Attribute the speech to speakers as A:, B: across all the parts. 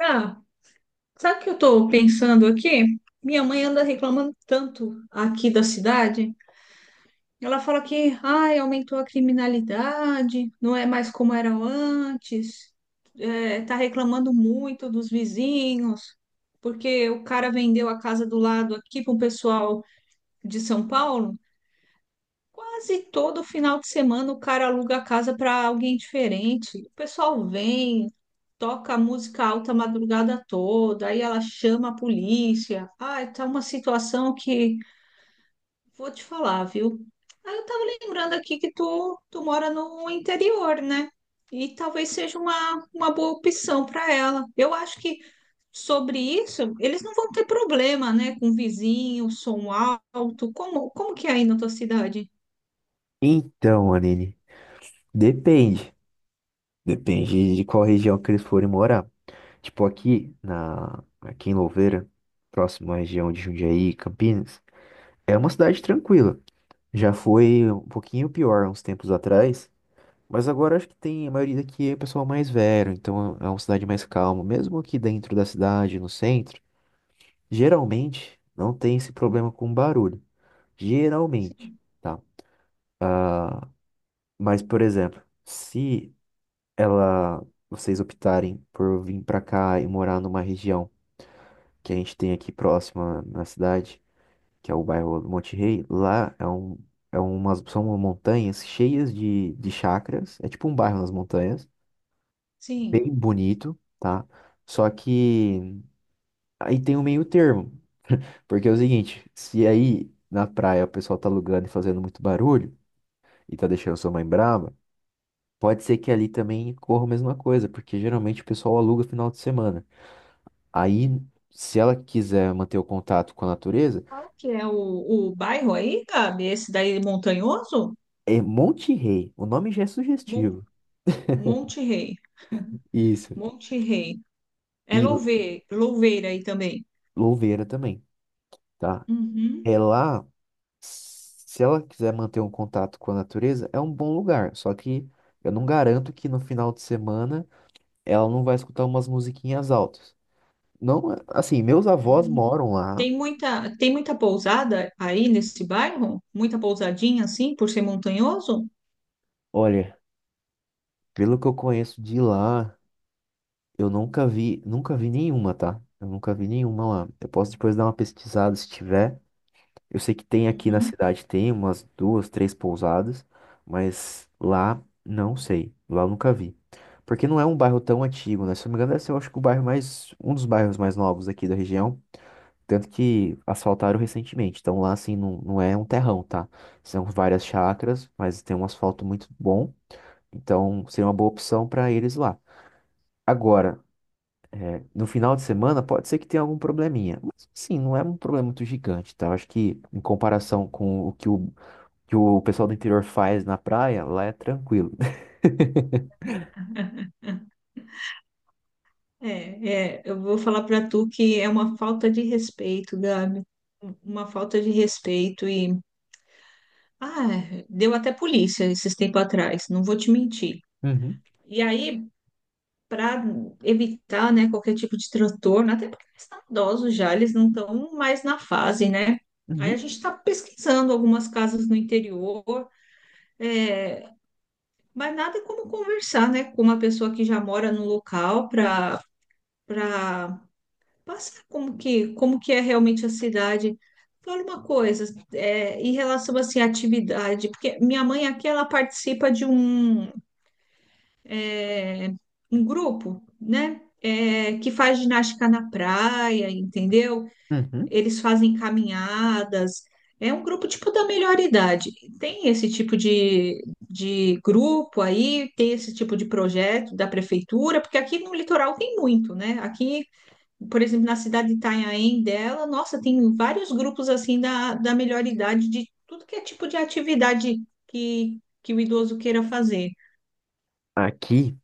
A: Ah, sabe o que eu tô pensando aqui? Minha mãe anda reclamando tanto aqui da cidade. Ela fala que, ai, aumentou a criminalidade, não é mais como era antes. É, tá reclamando muito dos vizinhos, porque o cara vendeu a casa do lado aqui para um pessoal de São Paulo. Quase todo final de semana o cara aluga a casa para alguém diferente. O pessoal vem, toca música alta a madrugada toda, aí ela chama a polícia. Ai, tá uma situação que vou te falar, viu? Aí eu tava lembrando aqui que tu mora no interior, né? E talvez seja uma boa opção para ela. Eu acho que sobre isso eles não vão ter problema, né? Com vizinho, som alto. Como que é aí na tua cidade?
B: Então, Aline, depende. Depende de qual região que eles forem morar. Tipo, aqui, aqui em Louveira, próximo à região de Jundiaí, Campinas, é uma cidade tranquila. Já foi um pouquinho pior uns tempos atrás, mas agora acho que tem a maioria daqui é pessoal mais velho, então é uma cidade mais calma. Mesmo aqui dentro da cidade, no centro, geralmente não tem esse problema com barulho. Geralmente, tá? Ah, mas, por exemplo, se ela vocês optarem por vir pra cá e morar numa região que a gente tem aqui próxima na cidade, que é o bairro do Monte Rei, lá é é umas são montanhas cheias de chacras, é tipo um bairro nas montanhas, bem
A: Sim.
B: bonito, tá? Só que aí tem um meio termo, porque é o seguinte, se aí na praia o pessoal tá alugando e fazendo muito barulho e tá deixando sua mãe brava, pode ser que ali também corra a mesma coisa, porque geralmente o pessoal aluga final de semana. Aí, se ela quiser manter o contato com a natureza,
A: Qual que é o bairro aí, Gabi? Esse daí é montanhoso?
B: é Monte Rei. O nome já é
A: Mon
B: sugestivo.
A: Monte Rei.
B: Isso.
A: Monte Rei. É
B: E
A: Louveira, Louveira aí também.
B: Louveira também, tá?
A: Uhum.
B: É lá, se ela quiser manter um contato com a natureza, é um bom lugar. Só que eu não garanto que no final de semana ela não vai escutar umas musiquinhas altas. Não, assim, meus avós
A: Uhum.
B: moram lá.
A: Tem muita pousada aí nesse bairro? Muita pousadinha assim, por ser montanhoso?
B: Olha, pelo que eu conheço de lá, eu nunca vi, nunca vi nenhuma, tá? Eu nunca vi nenhuma lá. Eu posso depois dar uma pesquisada se tiver. Eu sei que tem aqui na
A: Uhum.
B: cidade, tem umas duas, três pousadas, mas lá não sei. Lá eu nunca vi. Porque não é um bairro tão antigo, né? Se eu não me engano, deve ser, eu acho que o bairro mais, um dos bairros mais novos aqui da região. Tanto que asfaltaram recentemente. Então lá, assim, não é um terrão, tá? São várias chácaras, mas tem um asfalto muito bom. Então seria uma boa opção para eles lá. Agora, no final de semana, pode ser que tenha algum probleminha. Mas, sim, não é um problema muito gigante, tá? Eu acho que, em comparação com o que o que o pessoal do interior faz na praia, lá é tranquilo.
A: É, é, eu vou falar para tu que é uma falta de respeito, Gabi. Uma falta de respeito e ah, deu até polícia esses tempos atrás, não vou te mentir.
B: Uhum,
A: E aí para evitar, né, qualquer tipo de transtorno, até porque eles estão idosos já, eles não estão mais na fase, né? Aí
B: uhum,
A: a gente está pesquisando algumas casas no interior, é, mas nada como conversar, né, com uma pessoa que já mora no local para para passar como que é realmente a cidade. Fala uma coisa, em relação assim, à atividade, porque minha mãe aqui ela participa de é, um grupo, né? Que faz ginástica na praia, entendeu?
B: uhum.
A: Eles fazem caminhadas. É um grupo tipo da melhor idade. Tem esse tipo de grupo aí, tem esse tipo de projeto da prefeitura, porque aqui no litoral tem muito, né? Aqui, por exemplo, na cidade de Itanhaém dela, nossa, tem vários grupos assim da melhor idade, de tudo que é tipo de atividade que o idoso queira fazer.
B: Aqui,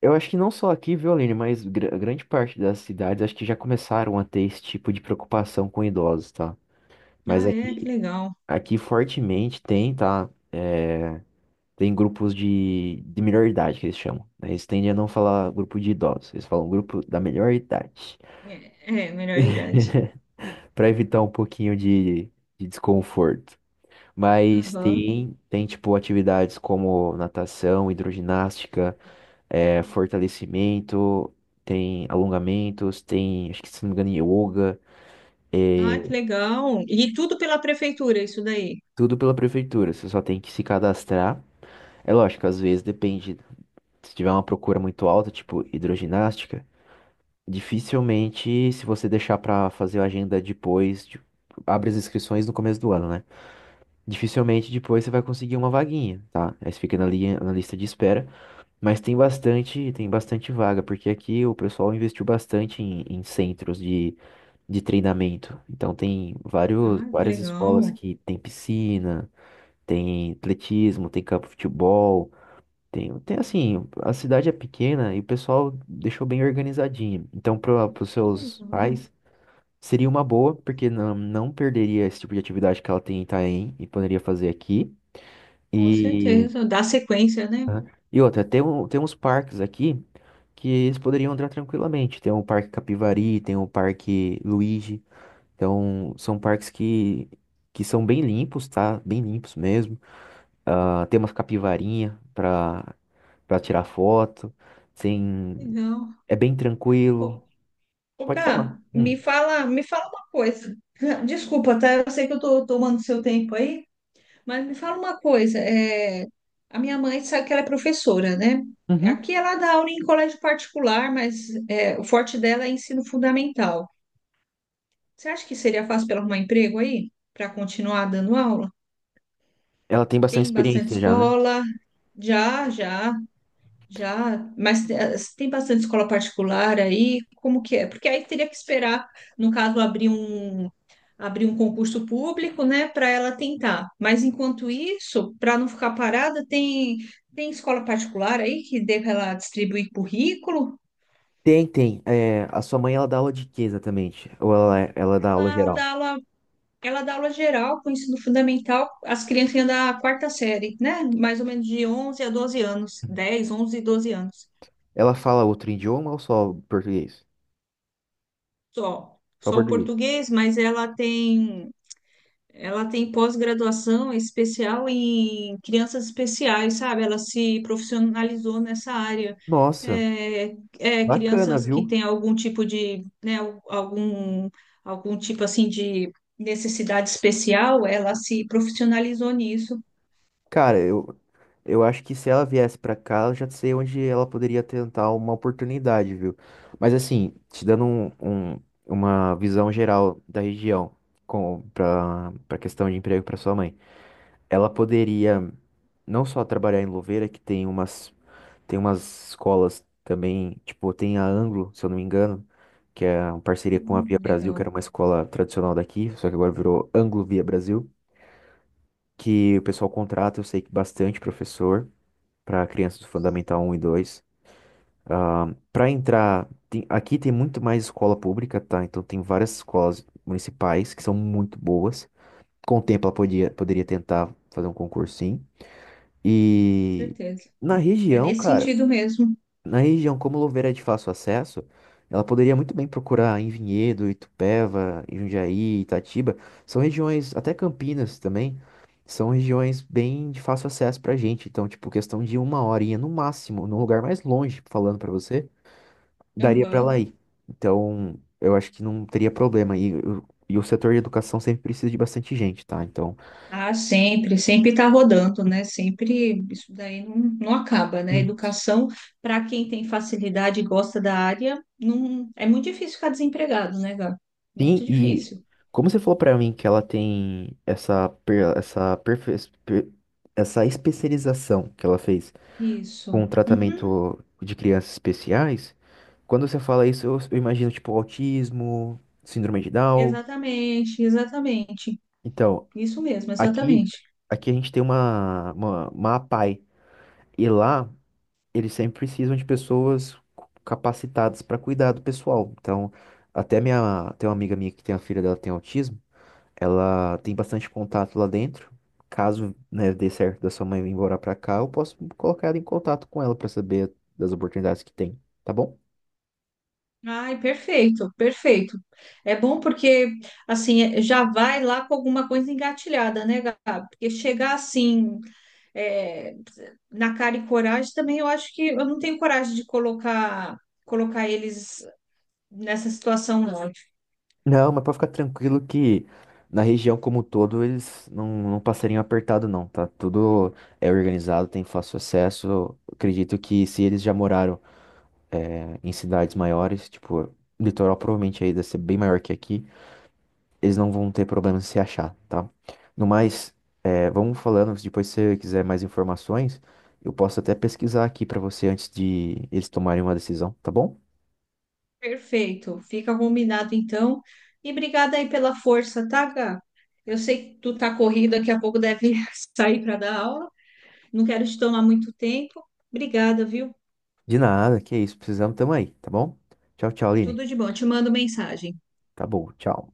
B: eu acho que não só aqui, viu, Aline, mas grande parte das cidades acho que já começaram a ter esse tipo de preocupação com idosos, tá? Mas
A: Ah, que
B: aqui,
A: legal.
B: aqui fortemente tem, tá? É, tem grupos de melhor idade que eles chamam, né? Eles tendem a não falar grupo de idosos, eles falam grupo da melhor idade,
A: É, é, melhor idade.
B: para evitar um pouquinho de desconforto. Mas
A: Aham.
B: tem tipo atividades como natação, hidroginástica, fortalecimento, tem alongamentos, tem, acho que se não me engano, yoga,
A: Ah,
B: eh,
A: que legal. E tudo pela prefeitura, isso daí.
B: tudo pela prefeitura. Você só tem que se cadastrar. É lógico, às vezes depende. Se tiver uma procura muito alta, tipo hidroginástica, dificilmente, se você deixar pra fazer a agenda depois, tipo, abre as inscrições no começo do ano, né? Dificilmente depois você vai conseguir uma vaguinha, tá? Aí você fica na linha, na lista de espera. Mas tem bastante vaga, porque aqui o pessoal investiu bastante em centros de treinamento. Então
A: Ah, que
B: várias escolas
A: legal.
B: que tem piscina, tem atletismo, tem campo de futebol, tem assim, a cidade é pequena e o pessoal deixou bem organizadinho. Então para os
A: Que
B: seus
A: legal.
B: pais seria uma boa, porque não perderia esse tipo de atividade que ela tem em Itaém e poderia fazer aqui.
A: Com
B: E,
A: certeza. Dá sequência, né?
B: aham, e outra, tem uns parques aqui, que eles poderiam entrar tranquilamente. Tem o Parque Capivari, tem o Parque Luigi. Então, são que são bem limpos, tá? Bem limpos mesmo. Ah, tem umas capivarinha para tirar foto. Tem...
A: Legal.
B: É bem tranquilo.
A: Ô, ô,
B: Pode falar.
A: Gá,
B: Hum.
A: me fala uma coisa. Desculpa, tá? Eu sei que eu tô tomando seu tempo aí, mas me fala uma coisa. A minha mãe sabe que ela é professora, né?
B: Uhum.
A: Aqui ela dá aula em colégio particular, mas o forte dela é ensino fundamental. Você acha que seria fácil para arrumar emprego aí? Para continuar dando aula?
B: Ela tem bastante
A: Tem bastante
B: experiência já, né?
A: escola. Já, já, já. Mas tem bastante escola particular aí? Como que é? Porque aí teria que esperar, no caso, abrir um concurso público, né, para ela tentar. Mas enquanto isso, para não ficar parada, tem escola particular aí que dê para ela distribuir currículo?
B: Tem, tem. É, a sua mãe, ela dá aula de quê exatamente? Ou ela dá aula
A: Ela
B: geral?
A: dá aula Ela dá aula geral com ensino fundamental, as criancinhas da quarta série, né? Mais ou menos de 11 a 12 anos, 10, 11 e 12 anos.
B: Ela fala outro idioma ou só português?
A: Só,
B: Só
A: só o
B: português.
A: português, mas ela tem pós-graduação especial em crianças especiais, sabe? Ela se profissionalizou nessa área.
B: Nossa,
A: É, é,
B: bacana,
A: crianças que
B: viu?
A: têm algum tipo de, né, algum, algum tipo assim de necessidade especial, ela se profissionalizou nisso.
B: Cara, eu acho que se ela viesse pra cá, eu já sei onde ela poderia tentar uma oportunidade, viu? Mas assim, te dando uma visão geral da região pra questão de emprego pra sua mãe. Ela poderia não só trabalhar em Louveira, tem umas escolas também, tipo, tem a Anglo, se eu não me engano, que é uma parceria com a Via Brasil, que
A: Legal.
B: era uma escola tradicional daqui, só que agora virou Anglo Via Brasil, que o pessoal contrata, eu sei que bastante professor para crianças do Fundamental um e 2 para entrar, aqui tem muito mais escola pública, tá? Então tem várias escolas municipais que são muito boas. Com o tempo poderia tentar fazer um concursinho. E
A: Certeza.
B: na
A: É
B: região,
A: nesse
B: cara,
A: sentido mesmo.
B: na região, como Louveira é de fácil acesso, ela poderia muito bem procurar em Vinhedo, Itupeva, Jundiaí, Itatiba. São regiões, até Campinas também, são regiões bem de fácil acesso pra gente. Então, tipo, questão de uma horinha no máximo, num lugar mais longe, falando pra você, daria pra ela
A: Aham.
B: ir. Então, eu acho que não teria problema. E o setor de educação sempre precisa de bastante gente, tá? Então,
A: Ah, sempre está rodando, né? Sempre isso daí não acaba, né?
B: sim.
A: Educação, para quem tem facilidade e gosta da área, não, é muito difícil ficar desempregado, né, Gá?
B: Sim,
A: Muito
B: e
A: difícil.
B: como você falou pra mim que ela tem essa, per- essa, perfe- per- essa especialização que ela fez com
A: Isso.
B: o
A: Uhum.
B: tratamento de crianças especiais, quando você fala isso, eu imagino tipo autismo, síndrome de Down.
A: Exatamente, exatamente.
B: Então,
A: Isso mesmo,
B: aqui,
A: exatamente.
B: aqui a gente tem uma APAE, e lá eles sempre precisam de pessoas capacitadas para cuidar do pessoal. Então, tem uma amiga minha que tem a filha dela que tem autismo. Ela tem bastante contato lá dentro. Caso, né, dê certo da sua mãe vir embora pra cá, eu posso colocar ela em contato com ela pra saber das oportunidades que tem, tá bom?
A: Ai, perfeito, perfeito. É bom porque, assim, já vai lá com alguma coisa engatilhada, né, Gabi? Porque chegar assim, é, na cara e coragem também, eu acho que eu não tenho coragem de colocar eles nessa situação, não.
B: Não, mas pode ficar tranquilo que na região como um todo eles não, não passariam apertado não, tá? Tudo é organizado, tem fácil acesso. Eu acredito que se eles já moraram em cidades maiores, tipo, o litoral provavelmente aí deve ser bem maior que aqui, eles não vão ter problema em se achar, tá? No mais, vamos falando, se você quiser mais informações, eu posso até pesquisar aqui pra você antes de eles tomarem uma decisão, tá bom?
A: Perfeito. Fica combinado então. E obrigada aí pela força, tá, Gá? Eu sei que tu tá corrida, daqui a pouco deve sair para dar aula. Não quero te tomar muito tempo. Obrigada, viu?
B: De nada, que isso, precisamos, tamo aí, tá bom? Tchau, tchau, Aline.
A: Tudo de bom. Te mando mensagem.
B: Tá bom, tchau.